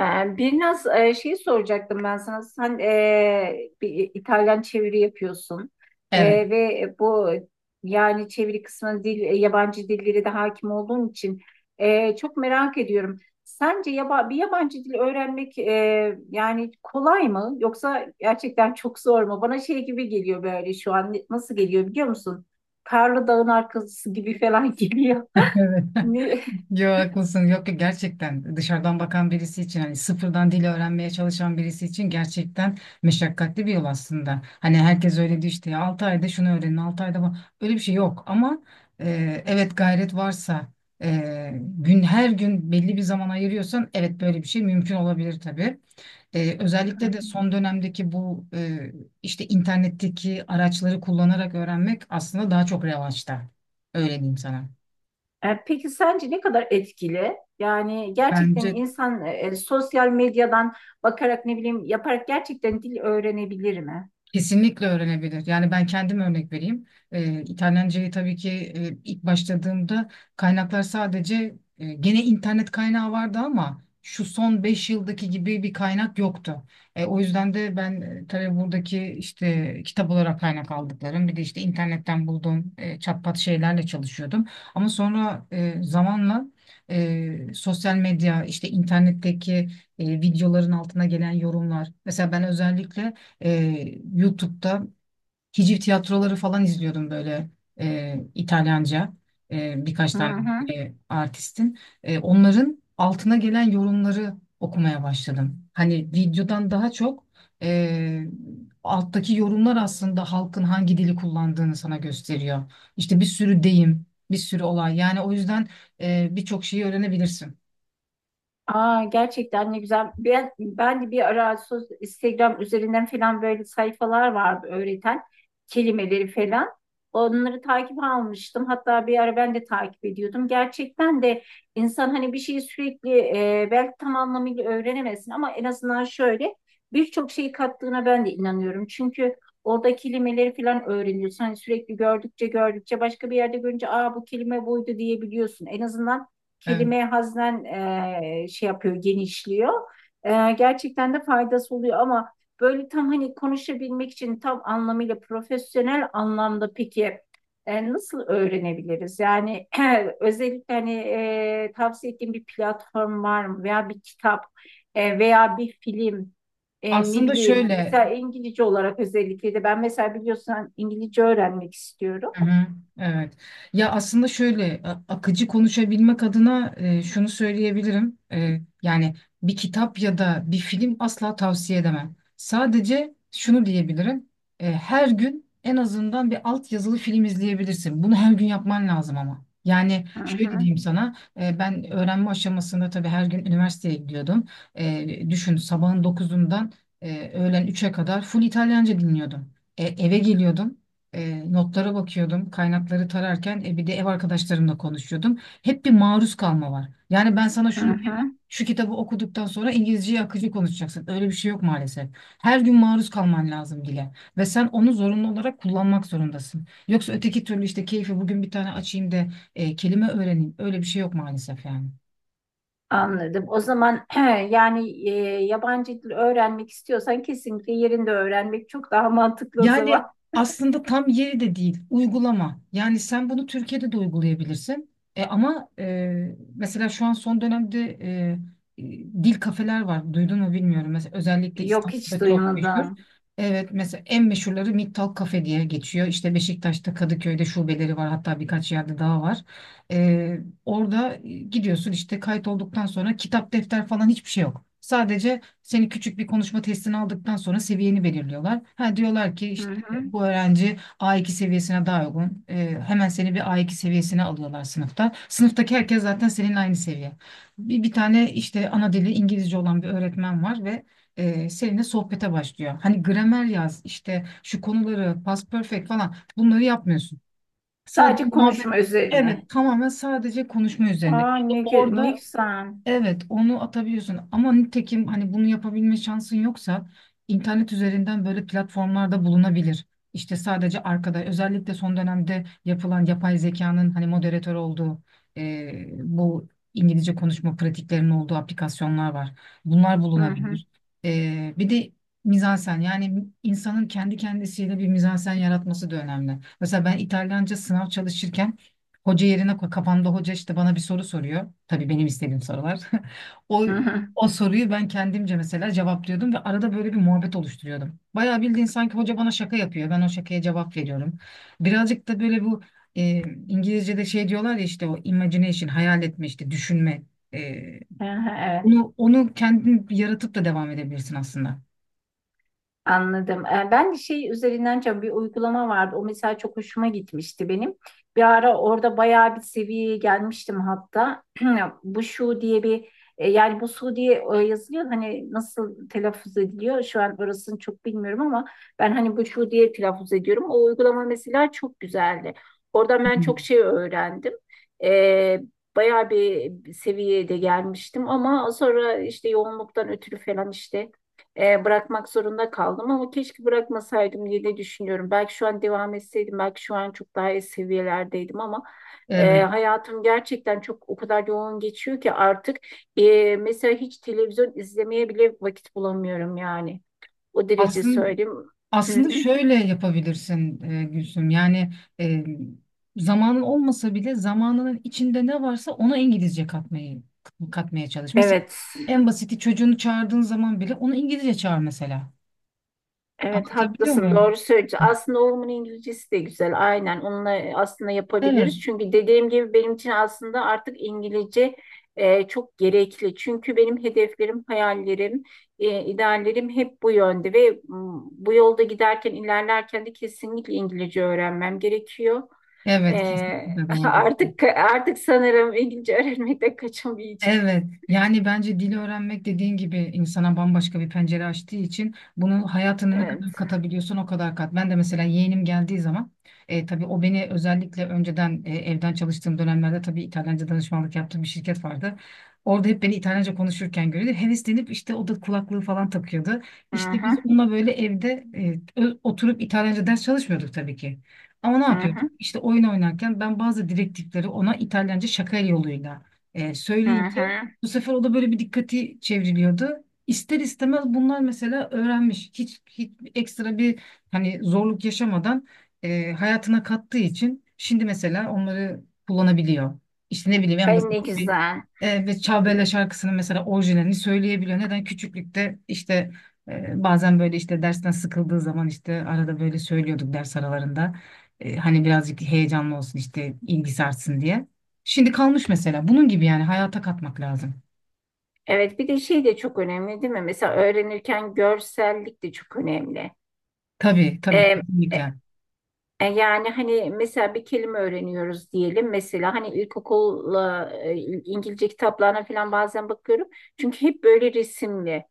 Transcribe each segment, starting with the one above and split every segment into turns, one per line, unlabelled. Bir naz şeyi soracaktım ben sana. Sen bir İtalyan çeviri yapıyorsun. E,
Evet,
ve bu yani çeviri kısmına dil, yabancı dillere de hakim olduğun için çok merak ediyorum. Sence bir yabancı dil öğrenmek yani kolay mı yoksa gerçekten çok zor mu? Bana şey gibi geliyor böyle şu an nasıl geliyor biliyor musun? Karlı dağın arkası gibi falan geliyor.
evet.
Ne?
Yo haklısın. Yok ki gerçekten dışarıdan bakan birisi için hani sıfırdan dil öğrenmeye çalışan birisi için gerçekten meşakkatli bir yol aslında. Hani herkes öyle diyor işte ya 6 ayda şunu öğrenin, 6 ayda bu. Öyle bir şey yok ama evet gayret varsa gün her gün belli bir zaman ayırıyorsan evet böyle bir şey mümkün olabilir tabii. Özellikle de son dönemdeki bu işte internetteki araçları kullanarak öğrenmek aslında daha çok revaçta. Öyle diyeyim sana.
Peki sence ne kadar etkili? Yani gerçekten
Bence
insan sosyal medyadan bakarak ne bileyim yaparak gerçekten dil öğrenebilir mi?
kesinlikle öğrenebilir. Yani ben kendim örnek vereyim. İtalyancayı tabii ki ilk başladığımda kaynaklar sadece gene internet kaynağı vardı ama şu son 5 yıldaki gibi bir kaynak yoktu. O yüzden de ben tabii buradaki işte kitap olarak kaynak aldıklarım bir de işte internetten bulduğum çatpat şeylerle çalışıyordum. Ama sonra zamanla sosyal medya işte internetteki videoların altına gelen yorumlar. Mesela ben özellikle ee, YouTube'da hiciv tiyatroları falan izliyordum böyle İtalyanca birkaç
Hı
tane
hı.
artistin. Onların altına gelen yorumları okumaya başladım. Hani videodan daha çok e, alttaki yorumlar aslında halkın hangi dili kullandığını sana gösteriyor. İşte bir sürü deyim, bir sürü olay. Yani o yüzden birçok şeyi öğrenebilirsin.
Aa, gerçekten ne güzel. Ben de bir ara Instagram üzerinden falan böyle sayfalar vardı öğreten kelimeleri falan. Onları takip almıştım. Hatta bir ara ben de takip ediyordum. Gerçekten de insan hani bir şeyi sürekli belki tam anlamıyla öğrenemesin ama en azından şöyle birçok şeyi kattığına ben de inanıyorum. Çünkü orada kelimeleri falan öğreniyorsun. Hani sürekli gördükçe başka bir yerde görünce aa bu kelime buydu diyebiliyorsun. En azından
Evet.
kelime haznen şey yapıyor, genişliyor. Gerçekten de faydası oluyor ama böyle tam hani konuşabilmek için tam anlamıyla profesyonel anlamda peki nasıl öğrenebiliriz? Yani özellikle hani tavsiye ettiğim bir platform var mı veya bir kitap veya bir film? Ne
Aslında
bileyim
şöyle,
mesela İngilizce olarak özellikle de ben mesela biliyorsun hani İngilizce öğrenmek istiyorum.
hı hı, evet. Ya aslında şöyle akıcı konuşabilmek adına şunu söyleyebilirim. Yani bir kitap ya da bir film asla tavsiye edemem. Sadece şunu diyebilirim. Her gün en azından bir altyazılı film izleyebilirsin. Bunu her gün yapman lazım ama. Yani
Hı
şöyle
hı,
diyeyim sana. Ben öğrenme aşamasında tabii her gün üniversiteye gidiyordum. Düşün sabahın dokuzundan öğlen üçe kadar full İtalyanca dinliyordum. Eve geliyordum. Notlara bakıyordum, kaynakları tararken bir de ev arkadaşlarımla konuşuyordum. Hep bir maruz kalma var. Yani ben sana
hı
şunu,
hı.
şu kitabı okuduktan sonra İngilizceyi akıcı konuşacaksın. Öyle bir şey yok maalesef. Her gün maruz kalman lazım dile ve sen onu zorunlu olarak kullanmak zorundasın. Yoksa öteki türlü işte keyfi bugün bir tane açayım da kelime öğreneyim. Öyle bir şey yok maalesef yani.
Anladım. O zaman yani yabancı dil öğrenmek istiyorsan kesinlikle yerinde öğrenmek çok daha mantıklı o zaman.
Yani aslında tam yeri de değil, uygulama. Yani sen bunu Türkiye'de de uygulayabilirsin. E, ama e, mesela şu an son dönemde e, e, dil kafeler var. Duydun mu bilmiyorum. Mesela özellikle
Yok, hiç
İstanbul'da çok meşhur.
duymadım.
Evet, mesela en meşhurları Mittal Kafe diye geçiyor. İşte Beşiktaş'ta, Kadıköy'de şubeleri var. Hatta birkaç yerde daha var. E, Orada gidiyorsun işte kayıt olduktan sonra kitap, defter falan hiçbir şey yok. Sadece seni küçük bir konuşma testini aldıktan sonra seviyeni belirliyorlar. Ha diyorlar ki
Hı
işte
hı.
bu öğrenci A2 seviyesine daha uygun. Hemen seni bir A2 seviyesine alıyorlar sınıfta. Sınıftaki herkes zaten senin aynı seviye. Bir tane işte ana dili İngilizce olan bir öğretmen var ve seninle sohbete başlıyor. Hani gramer yaz, işte şu konuları, past perfect falan bunları yapmıyorsun. Sadece
Sadece
muhabbet,
konuşma üzerine.
evet tamamen sadece konuşma üzerine.
Aa
İşte
ne, gü- ne
orada
güzel.
evet, onu atabiliyorsun ama nitekim hani bunu yapabilme şansın yoksa internet üzerinden böyle platformlarda bulunabilir. İşte sadece arkada özellikle son dönemde yapılan yapay zekanın hani moderatör olduğu bu İngilizce konuşma pratiklerinin olduğu aplikasyonlar var. Bunlar
Hı hı.
bulunabilir. Bir de mizansen yani insanın kendi kendisiyle bir mizansen yaratması da önemli. Mesela ben İtalyanca sınav çalışırken hoca yerine koy. Kafamda hoca işte bana bir soru soruyor. Tabii benim istediğim sorular. O
Hı hı.
o soruyu ben kendimce mesela cevaplıyordum ve arada böyle bir muhabbet oluşturuyordum. Bayağı bildiğin sanki hoca bana şaka yapıyor. Ben o şakaya cevap veriyorum. Birazcık da böyle bu e, İngilizce'de şey diyorlar ya işte o imagination, hayal etme işte düşünme.
Hı hı, evet.
Onu kendin yaratıp da devam edebilirsin aslında.
Anladım. Ben de şey üzerinden çok bir uygulama vardı. O mesela çok hoşuma gitmişti benim. Bir ara orada bayağı bir seviyeye gelmiştim hatta. Bu şu diye bir yani bu su diye yazılıyor. Hani nasıl telaffuz ediliyor? Şu an orasını çok bilmiyorum ama ben hani bu şu diye telaffuz ediyorum. O uygulama mesela çok güzeldi. Oradan ben çok
Hmm.
şey öğrendim. Ee, bayağı bir seviyeye de gelmiştim ama sonra işte yoğunluktan ötürü falan işte bırakmak zorunda kaldım ama keşke bırakmasaydım diye de düşünüyorum. Belki şu an devam etseydim, belki şu an çok daha iyi seviyelerdeydim ama
Evet.
hayatım gerçekten çok o kadar yoğun geçiyor ki artık mesela hiç televizyon izlemeye bile vakit bulamıyorum yani. O derece
Aslında
söyleyeyim. Hı hı.
Aslında şöyle yapabilirsin Gülsüm. Yani e, zamanın olmasa bile zamanının içinde ne varsa ona İngilizce katmayı katmaya çalış. Mesela
Evet.
en basiti çocuğunu çağırdığın zaman bile onu İngilizce çağır mesela.
Evet,
Anlatabiliyor
haklısın,
muyum?
doğru söylüyorsun. Aslında oğlumun İngilizcesi de güzel, aynen onunla aslında
Evet.
yapabiliriz. Çünkü dediğim gibi benim için aslında artık İngilizce çok gerekli. Çünkü benim hedeflerim, hayallerim, ideallerim hep bu yönde ve bu yolda giderken ilerlerken de kesinlikle İngilizce öğrenmem gerekiyor. E,
Evet, kesinlikle doğru diyorsun.
artık sanırım İngilizce öğrenmekten kaçamayacağım.
Evet, yani bence dil öğrenmek dediğin gibi insana bambaşka bir pencere açtığı için bunu hayatına ne
Evet.
kadar katabiliyorsan o kadar kat. Ben de mesela yeğenim geldiği zaman tabii o beni özellikle önceden evden çalıştığım dönemlerde tabii İtalyanca danışmanlık yaptığım bir şirket vardı. Orada hep beni İtalyanca konuşurken görüyordu. Heveslenip işte o da kulaklığı falan takıyordu.
Hı
İşte biz
hı,
onunla böyle evde oturup İtalyanca ders çalışmıyorduk tabii ki. Ama ne
hı
yapıyorduk?
hı,
İşte oyun oynarken ben bazı direktifleri ona İtalyanca şaka yoluyla
hı
söyleyince
hı.
bu sefer o da böyle bir dikkati çevriliyordu. İster istemez bunlar mesela öğrenmiş. Hiç ekstra bir hani zorluk yaşamadan hayatına kattığı için şimdi mesela onları kullanabiliyor. İşte ne bileyim en
Ay, ne
basit bir
güzel.
ve Çağbele şarkısının mesela orijinalini söyleyebiliyor. Neden? Küçüklükte işte bazen böyle işte dersten sıkıldığı zaman işte arada böyle söylüyorduk ders aralarında. Hani birazcık heyecanlı olsun işte ilgisi artsın diye. Şimdi kalmış mesela. Bunun gibi yani hayata katmak lazım.
Evet, bir de şey de çok önemli değil mi? Mesela öğrenirken görsellik de çok önemli.
Tabii, tabii
Ee, e-
kesinlikle.
yani hani mesela bir kelime öğreniyoruz diyelim. Mesela hani ilkokulla İngilizce kitaplarına falan bazen bakıyorum. Çünkü hep böyle resimli.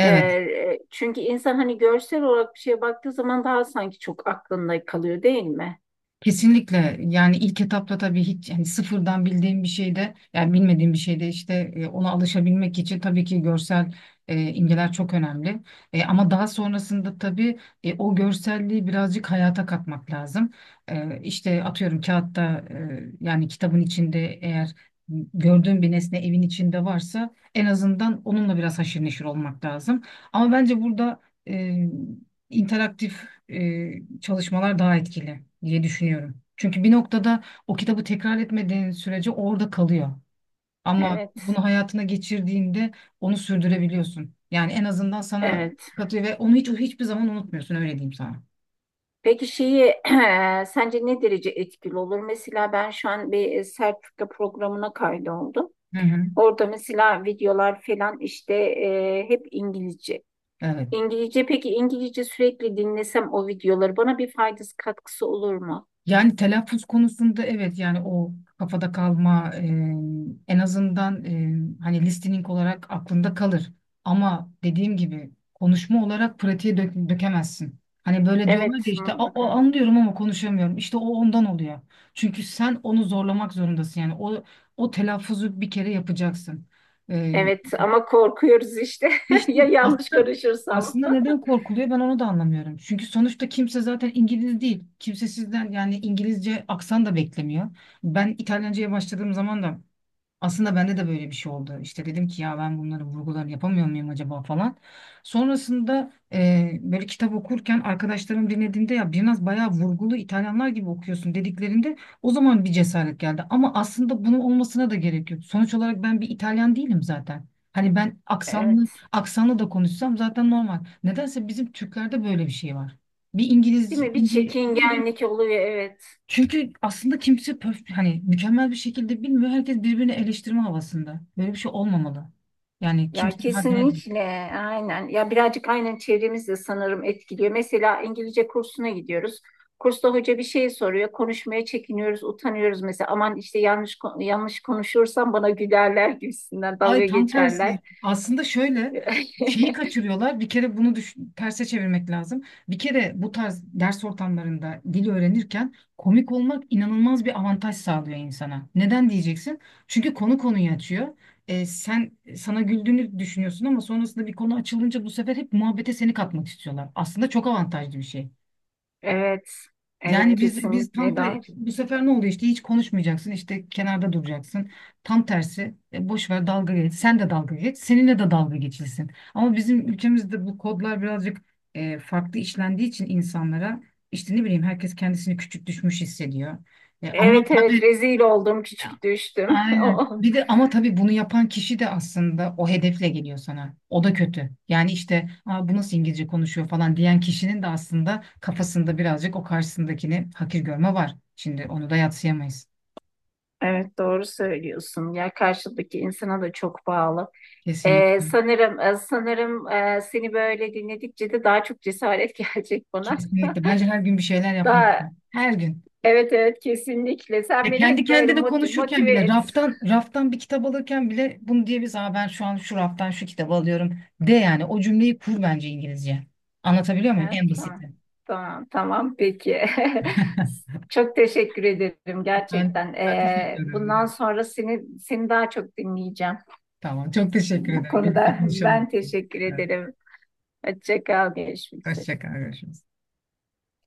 Çünkü insan hani görsel olarak bir şeye baktığı zaman daha sanki çok aklında kalıyor değil mi?
Kesinlikle yani ilk etapta tabii hiç yani sıfırdan bildiğim bir şeyde yani bilmediğim bir şeyde işte ona alışabilmek için tabii ki görsel imgeler çok önemli. Ama daha sonrasında tabii o görselliği birazcık hayata katmak lazım. İşte atıyorum kağıtta yani kitabın içinde eğer gördüğüm bir nesne evin içinde varsa en azından onunla biraz haşır neşir olmak lazım. Ama bence burada e, interaktif çalışmalar daha etkili diye düşünüyorum. Çünkü bir noktada o kitabı tekrar etmediğin sürece orada kalıyor. Ama
Evet,
bunu hayatına geçirdiğinde onu sürdürebiliyorsun. Yani en azından sana
evet.
katıyor ve onu hiç hiçbir zaman unutmuyorsun öyle diyeyim sana.
Peki şeyi sence ne derece etkili olur? Mesela ben şu an bir sertifika programına kaydoldum.
Hı hı.
Orada mesela videolar falan işte hep İngilizce.
Evet.
İngilizce, peki İngilizce sürekli dinlesem o videoları bana bir faydası katkısı olur mu?
Yani telaffuz konusunda evet yani o kafada kalma, en azından hani listening olarak aklında kalır. Ama dediğim gibi konuşma olarak pratiğe dökemezsin. Hani böyle diyorlar ki
Evet,
işte "A- o,
mutlaka.
anlıyorum ama konuşamıyorum." İşte o ondan oluyor. Çünkü sen onu zorlamak zorundasın. Yani o telaffuzu bir kere yapacaksın.
Evet ama korkuyoruz işte
İşte
ya yanlış
aslında,
karışırsam.
aslında neden korkuluyor ben onu da anlamıyorum. Çünkü sonuçta kimse zaten İngiliz değil. Kimse sizden yani İngilizce aksan da beklemiyor. Ben İtalyanca'ya başladığım zaman da aslında bende de böyle bir şey oldu. İşte dedim ki ya ben bunları vurgularını yapamıyor muyum acaba falan. Sonrasında böyle kitap okurken arkadaşlarım dinlediğinde ya biraz bayağı vurgulu İtalyanlar gibi okuyorsun dediklerinde o zaman bir cesaret geldi. Ama aslında bunun olmasına da gerek yok. Sonuç olarak ben bir İtalyan değilim zaten. Hani ben aksanlı
Evet.
aksanlı da konuşsam zaten normal. Nedense bizim Türklerde böyle bir şey var. Bir
Değil
İngiliz,
mi? Bir
İngiliz böyle,
çekingenlik oluyor, evet.
çünkü aslında kimse pöf, hani mükemmel bir şekilde bilmiyor. Herkes birbirini eleştirme havasında. Böyle bir şey olmamalı. Yani
Ya
kimsenin haddine değil.
kesinlikle aynen. Ya birazcık aynen çevremiz de sanırım etkiliyor. Mesela İngilizce kursuna gidiyoruz. Kursta hoca bir şey soruyor. Konuşmaya çekiniyoruz, utanıyoruz mesela. Aman işte yanlış konuşursam bana gülerler gibisinden,
Ay
dalga
tam
geçerler.
tersi. Aslında şöyle şeyi kaçırıyorlar. Bir kere bunu terse çevirmek lazım. Bir kere bu tarz ders ortamlarında dil öğrenirken komik olmak inanılmaz bir avantaj sağlıyor insana. Neden diyeceksin? Çünkü konu konuyu açıyor. Sen sana güldüğünü düşünüyorsun ama sonrasında bir konu açılınca bu sefer hep muhabbete seni katmak istiyorlar. Aslında çok avantajlı bir şey.
Evet. Evet,
Yani biz tam
kesinlikle doğru.
bu sefer ne oldu işte hiç konuşmayacaksın işte kenarda duracaksın. Tam tersi boş ver dalga geç. Sen de dalga geç. Seninle de dalga geçilsin. Ama bizim ülkemizde bu kodlar birazcık farklı işlendiği için insanlara işte ne bileyim herkes kendisini küçük düşmüş hissediyor. Ama
Evet, evet,
tabii
rezil oldum, küçük düştüm.
aynen. Bir de ama tabii bunu yapan kişi de aslında o hedefle geliyor sana. O da kötü. Yani işte aa, bu nasıl İngilizce konuşuyor falan diyen kişinin de aslında kafasında birazcık o karşısındakini hakir görme var. Şimdi onu da yadsıyamayız.
Evet, doğru söylüyorsun. Ya karşıdaki insana da çok bağlı.
Kesinlikle.
Sanırım sanırım seni böyle dinledikçe de daha çok cesaret gelecek bana.
Kesinlikle. Bence her gün bir şeyler
Daha
yapmalısın. Her gün.
evet, evet kesinlikle. Sen
Ya
beni
kendi
hep böyle
kendine konuşurken
motive
bile
et.
raftan raftan bir kitap alırken bile bunu diyebiliriz. Aa ben şu an şu raftan şu kitabı alıyorum de yani o cümleyi kur bence İngilizce. Anlatabiliyor muyum?
Ha,
En
tamam,
basiti.
tamam, peki. Çok teşekkür ederim
Ben,
gerçekten.
ben teşekkür
Bundan
ederim.
sonra seni daha çok dinleyeceğim.
Tamam. Çok teşekkür
Bu
ederim. Birlikte
konuda
konuşalım.
ben teşekkür
Evet,
ederim. Hoşça kal, görüşmek
hoşça
üzere.
kal. Görüşürüz.